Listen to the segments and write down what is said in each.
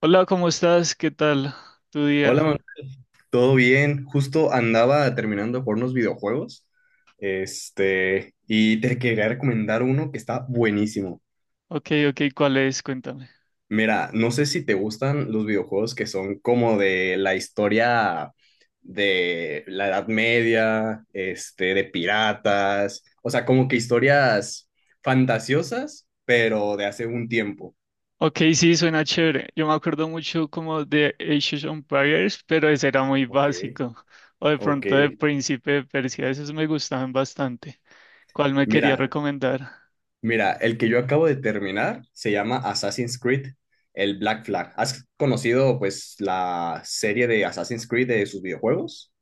Hola, ¿cómo estás? ¿Qué tal tu Hola, día? Manuel. ¿Todo bien? Justo andaba terminando de jugar unos videojuegos. Y te quería recomendar uno que está buenísimo. Ok, ok, ¿cuál es? Cuéntame. Mira, no sé si te gustan los videojuegos que son como de la historia de la Edad Media, de piratas, o sea, como que historias fantasiosas, pero de hace un tiempo. Ok, sí, suena chévere. Yo me acuerdo mucho como de Age of Empires, pero ese era muy Ok, básico. O de ok. pronto de Príncipe de Persia, esos me gustaban bastante. ¿Cuál me quería Mira, recomendar? Mira, el que yo acabo de terminar se llama Assassin's Creed, el Black Flag. ¿Has conocido pues la serie de Assassin's Creed de sus videojuegos?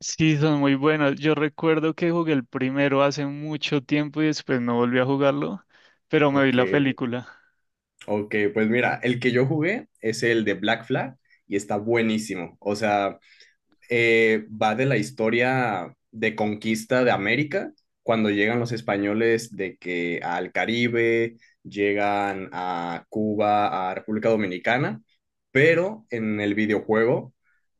Sí, son muy buenos. Yo recuerdo que jugué el primero hace mucho tiempo y después no volví a jugarlo, pero me vi Ok, la película. ok, pues mira, el que yo jugué es el de Black Flag y está buenísimo. O sea, va de la historia de conquista de América, cuando llegan los españoles de que al Caribe, llegan a Cuba, a República Dominicana, pero en el videojuego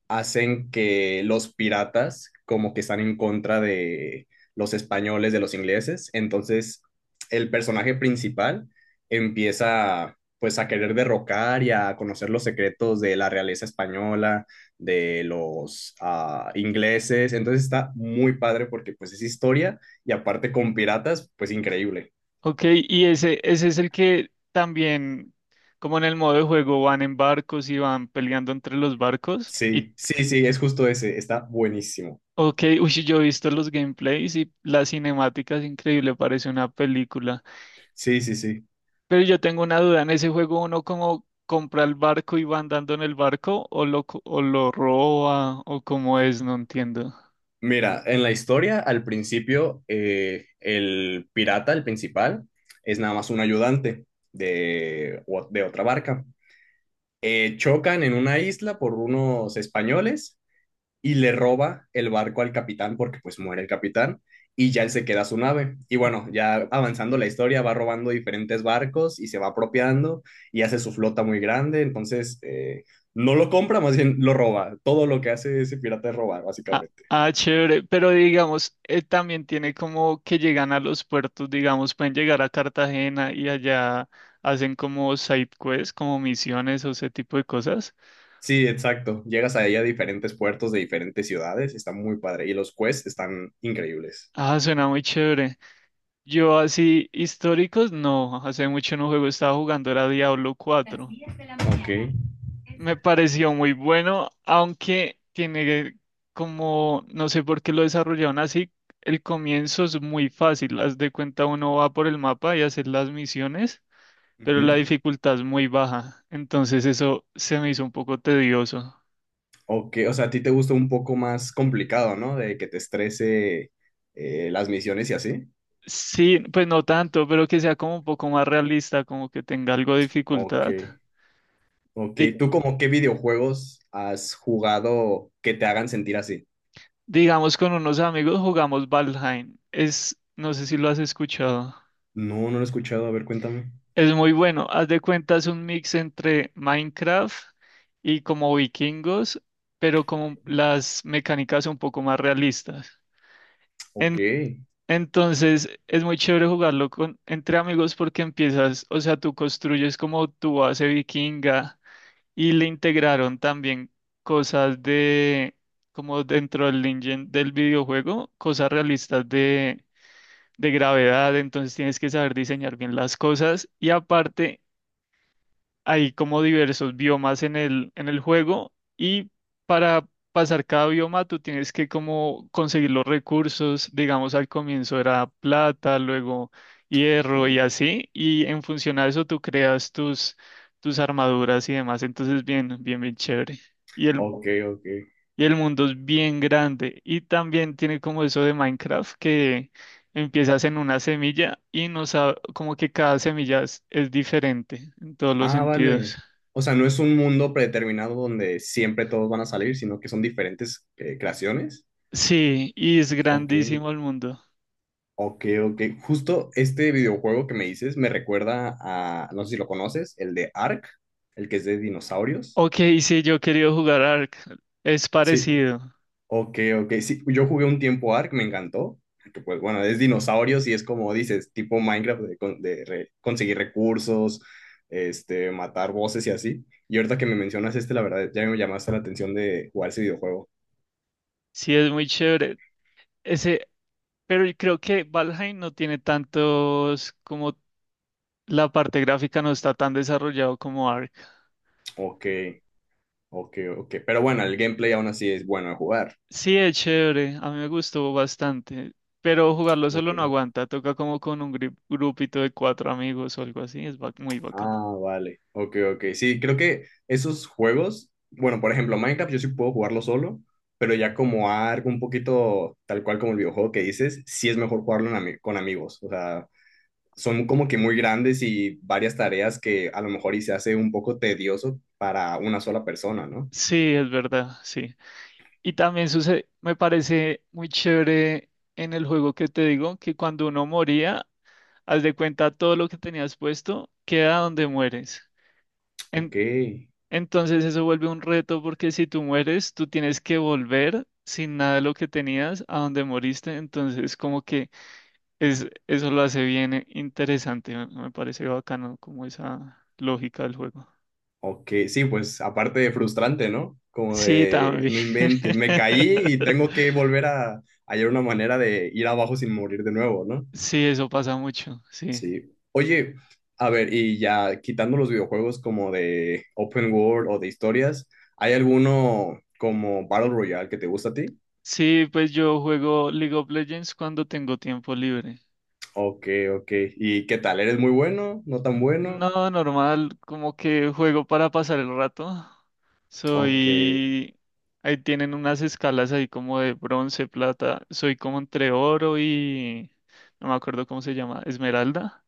hacen que los piratas como que están en contra de los españoles, de los ingleses. Entonces, el personaje principal empieza pues a querer derrocar y a conocer los secretos de la realeza española, de los ingleses. Entonces está muy padre porque pues es historia y aparte con piratas, pues increíble. Ok, y ese es el que también, como en el modo de juego, van en barcos y van peleando entre los barcos. Sí, sí, sí, es justo ese, está buenísimo. Ok, uy, yo he visto los gameplays y las cinemáticas, increíble, parece una película. Sí, sí, sí. Pero yo tengo una duda, ¿en ese juego uno como compra el barco y va andando en el barco o o lo roba o cómo es? No entiendo. Mira, en la historia, al principio, el pirata, el principal, es nada más un ayudante de otra barca. Chocan en una isla por unos españoles y le roba el barco al capitán porque pues muere el capitán y ya él se queda su nave. Y bueno, ya avanzando la historia, va robando diferentes barcos y se va apropiando y hace su flota muy grande. Entonces, no lo compra, más bien lo roba. Todo lo que hace ese pirata es robar, Ah, básicamente. ah, chévere, pero digamos, también tiene como que llegan a los puertos, digamos, pueden llegar a Cartagena y allá hacen como side quests, como misiones o ese tipo de cosas. Sí, exacto. Llegas ahí a diferentes puertos de diferentes ciudades, está muy padre. Y los quests están increíbles. Ah, suena muy chévere. Yo así históricos, no, hace mucho no juego, estaba jugando era Diablo 4. Ok. Me pareció muy bueno, aunque tiene como, no sé por qué lo desarrollaron así, el comienzo es muy fácil, haz de cuenta uno va por el mapa y hacer las misiones, pero la Ujú. dificultad es muy baja, entonces eso se me hizo un poco tedioso. Ok, o sea, a ti te gusta un poco más complicado, ¿no? De que te estrese las misiones y así. Sí, pues no tanto, pero que sea como un poco más realista, como que tenga algo de Ok. dificultad. Ok, Di- ¿tú como qué videojuegos has jugado que te hagan sentir así? digamos, con unos amigos jugamos Valheim, es, no sé si lo has escuchado. No, no lo he escuchado, a ver, cuéntame. Es muy bueno. Haz de cuenta, es un mix entre Minecraft y como vikingos, pero como las mecánicas un poco más realistas. Ok. En- entonces, es muy chévere jugarlo con, entre amigos porque empiezas, o sea, tú construyes como tu base vikinga y le integraron también cosas de, como dentro del engine del videojuego, cosas realistas de gravedad, entonces tienes que saber diseñar bien las cosas y aparte hay como diversos biomas en el juego y para pasar cada bioma tú tienes que como conseguir los recursos, digamos al comienzo era plata, luego hierro y Ok, así, y en función a eso tú creas tus armaduras y demás, entonces bien, bien, bien chévere. Y el, ok. Ok. y el mundo es bien grande y también tiene como eso de Minecraft que empiezas en una semilla y no sabe como que cada semilla es diferente en todos los Ah, sentidos. vale. O sea, no es un mundo predeterminado donde siempre todos van a salir, sino que son diferentes creaciones. Sí, y es Ok, grandísimo el mundo. ok, ok. Justo este videojuego que me dices me recuerda a, no sé si lo conoces, el de Ark, el que es de dinosaurios. Ok, sí, yo he querido jugar Ark. Es Sí, parecido. ok, ok. Sí, yo jugué un tiempo Ark, me encantó. Que pues bueno, es dinosaurios y es como dices, tipo Minecraft de conseguir recursos, matar voces y así. Y ahorita que me mencionas la verdad, ya me llamaste la atención de jugar ese videojuego. Sí, es muy chévere. Ese, pero yo creo que Valheim no tiene tantos, como la parte gráfica no está tan desarrollado como Ark. Ok, ok, ok. Pero bueno, el gameplay aún así es bueno de jugar. Sí, es chévere. A mí me gustó bastante. Pero jugarlo solo Ok. no aguanta. Toca como con un grupito de cuatro amigos o algo así. Muy bacana. Ah, vale. Ok, ok. Sí, creo que esos juegos, bueno, por ejemplo, Minecraft yo sí puedo jugarlo solo, pero ya como algo un poquito tal cual como el videojuego que dices, sí es mejor jugarlo con amigos. O sea, son como que muy grandes y varias tareas que a lo mejor y se hace un poco tedioso para una sola persona, ¿no? Sí, es verdad, sí. Y también sucede, me parece muy chévere en el juego que te digo, que cuando uno moría, haz de cuenta todo lo que tenías puesto queda donde mueres. Ok, En- entonces eso vuelve un reto porque si tú mueres, tú tienes que volver sin nada de lo que tenías a donde moriste. Entonces como que es, eso lo hace bien interesante. Me parece bacano como esa lógica del juego. ok. Sí, pues aparte de frustrante, ¿no? Como Sí, claro, de, también. no inventes, me caí y tengo que volver a hallar una manera de ir abajo sin morir de nuevo, ¿no? Sí, eso pasa mucho, sí. Sí. Oye, a ver, y ya quitando los videojuegos como de open world o de historias, ¿hay alguno como Battle Royale que te gusta a ti? Sí, pues yo juego League of Legends cuando tengo tiempo libre. Ok, ok. ¿Y qué tal? ¿Eres muy bueno? ¿No tan bueno? No, normal, como que juego para pasar el rato. Ok, Soy... Ahí tienen unas escalas ahí como de bronce, plata. Soy como entre oro y... No me acuerdo cómo se llama, esmeralda.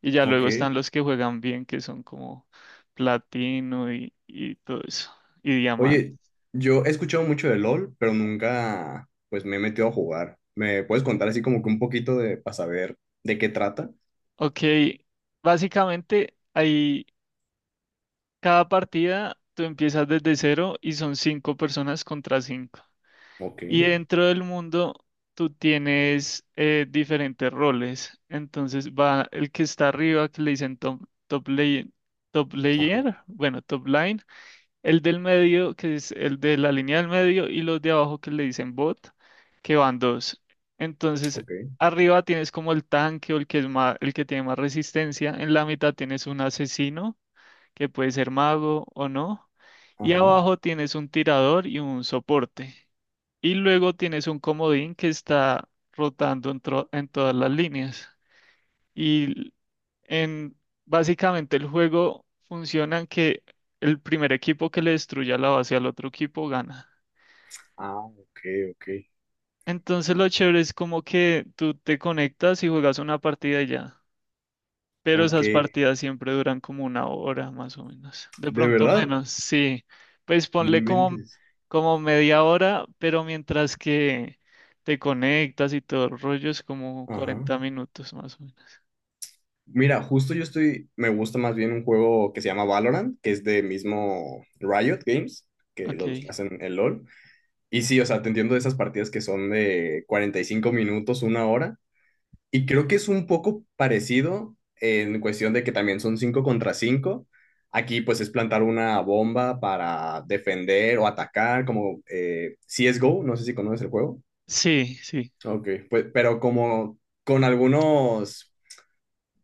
Y ya ok. luego están los que juegan bien, que son como platino y todo eso. Y diamante. Oye, yo he escuchado mucho de LOL, pero nunca pues me he metido a jugar. ¿Me puedes contar así como que un poquito de para saber de qué trata? Ok, básicamente ahí... Cada partida tú empiezas desde cero y son cinco personas contra cinco. Ok, Y dentro del mundo tú tienes diferentes roles. Entonces va el que está arriba, que le dicen top, top lane- top ajá, layer, bueno, top line, el del medio, que es el de la línea del medio, y los de abajo que le dicen bot, que van dos. Entonces, ok, arriba tienes como el tanque o el que es más, el que tiene más resistencia. En la mitad tienes un asesino que puede ser mago o no. Y ajá. abajo tienes un tirador y un soporte. Y luego tienes un comodín que está rotando en todas las líneas. Y en Básicamente el juego funciona en que el primer equipo que le destruya la base al otro equipo gana. Ah, ok, ok, Entonces lo chévere es como que tú te conectas y juegas una partida y ya. Pero ok. esas partidas siempre duran como una hora más o menos. De ¿De pronto verdad? menos, sí. Pues No ponle como, inventes. como media hora, pero mientras que te conectas y todo el rollo es como Ajá. 40 minutos más o menos. Mira, justo yo estoy, me gusta más bien un juego que se llama Valorant, que es de mismo Riot Games, que los Ok. hacen el LOL. Y sí, o sea, te entiendo de esas partidas que son de 45 minutos, una hora. Y creo que es un poco parecido en cuestión de que también son 5 contra cinco. Aquí pues es plantar una bomba para defender o atacar, como CSGO, no sé si conoces el juego. Sí, sí. Ok, pues, pero como con algunos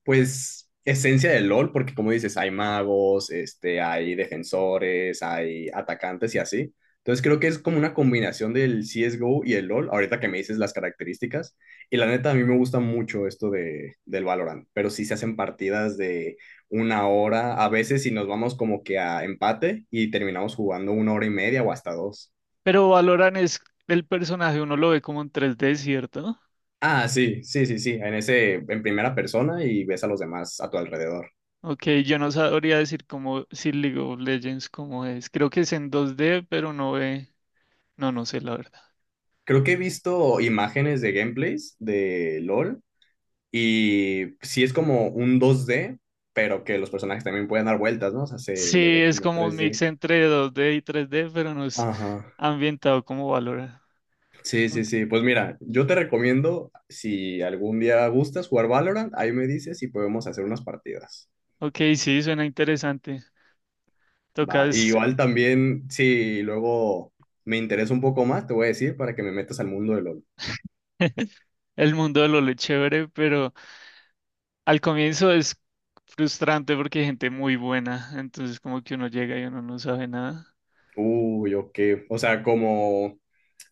pues, esencia del LOL, porque como dices, hay magos, hay defensores, hay atacantes y así. Entonces creo que es como una combinación del CSGO y el LOL, ahorita que me dices las características. Y la neta, a mí me gusta mucho esto del Valorant, pero sí se hacen partidas de una hora, a veces si nos vamos como que a empate y terminamos jugando una hora y media o hasta dos. Pero Valorant es el personaje, uno lo ve como en 3D, ¿cierto? Ah, sí, sí, sí, sí, en ese, en primera persona y ves a los demás a tu alrededor. Ok, yo no sabría decir cómo, si League of Legends cómo es. Creo que es en 2D, pero no ve. No, no sé, la verdad. Creo que he visto imágenes de gameplays de LOL y sí es como un 2D, pero que los personajes también pueden dar vueltas, ¿no? O sea, se Sí, le ve es como como un tres mix d entre 2D y 3D, pero no es Ajá. ambientado como Valorant. Sí, sí, Ok. sí. Pues mira, yo te recomiendo, si algún día gustas jugar Valorant, ahí me dices y podemos hacer unas partidas. Ok, sí, suena interesante. Va. Y Tocas igual también, si luego me interesa un poco más, te voy a decir para que me metas al mundo de LOL. el mundo de LoL es chévere, pero al comienzo es frustrante porque hay gente muy buena, entonces como que uno llega y uno no sabe nada. Uy, ok. O sea, como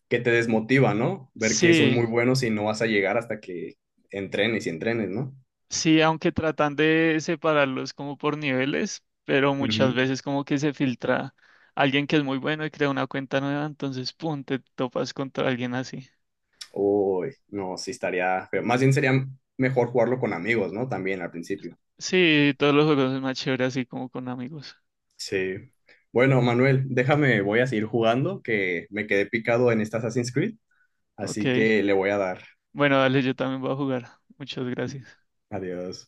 que te desmotiva, ¿no? Ver que son muy Sí, buenos y no vas a llegar hasta que entrenes y entrenes, ¿no? sí, aunque tratan de separarlos como por niveles, pero muchas Ujú. veces como que se filtra alguien que es muy bueno y crea una cuenta nueva, entonces pum, te topas contra alguien así. Uy, no, sí estaría feo. Más bien sería mejor jugarlo con amigos, ¿no? También al principio. Sí, todos los juegos es más chévere así como con amigos. Sí. Bueno, Manuel, déjame, voy a seguir jugando, que me quedé picado en esta Assassin's Creed, así Ok. que le voy a dar. Bueno, dale, yo también voy a jugar. Muchas gracias. Adiós.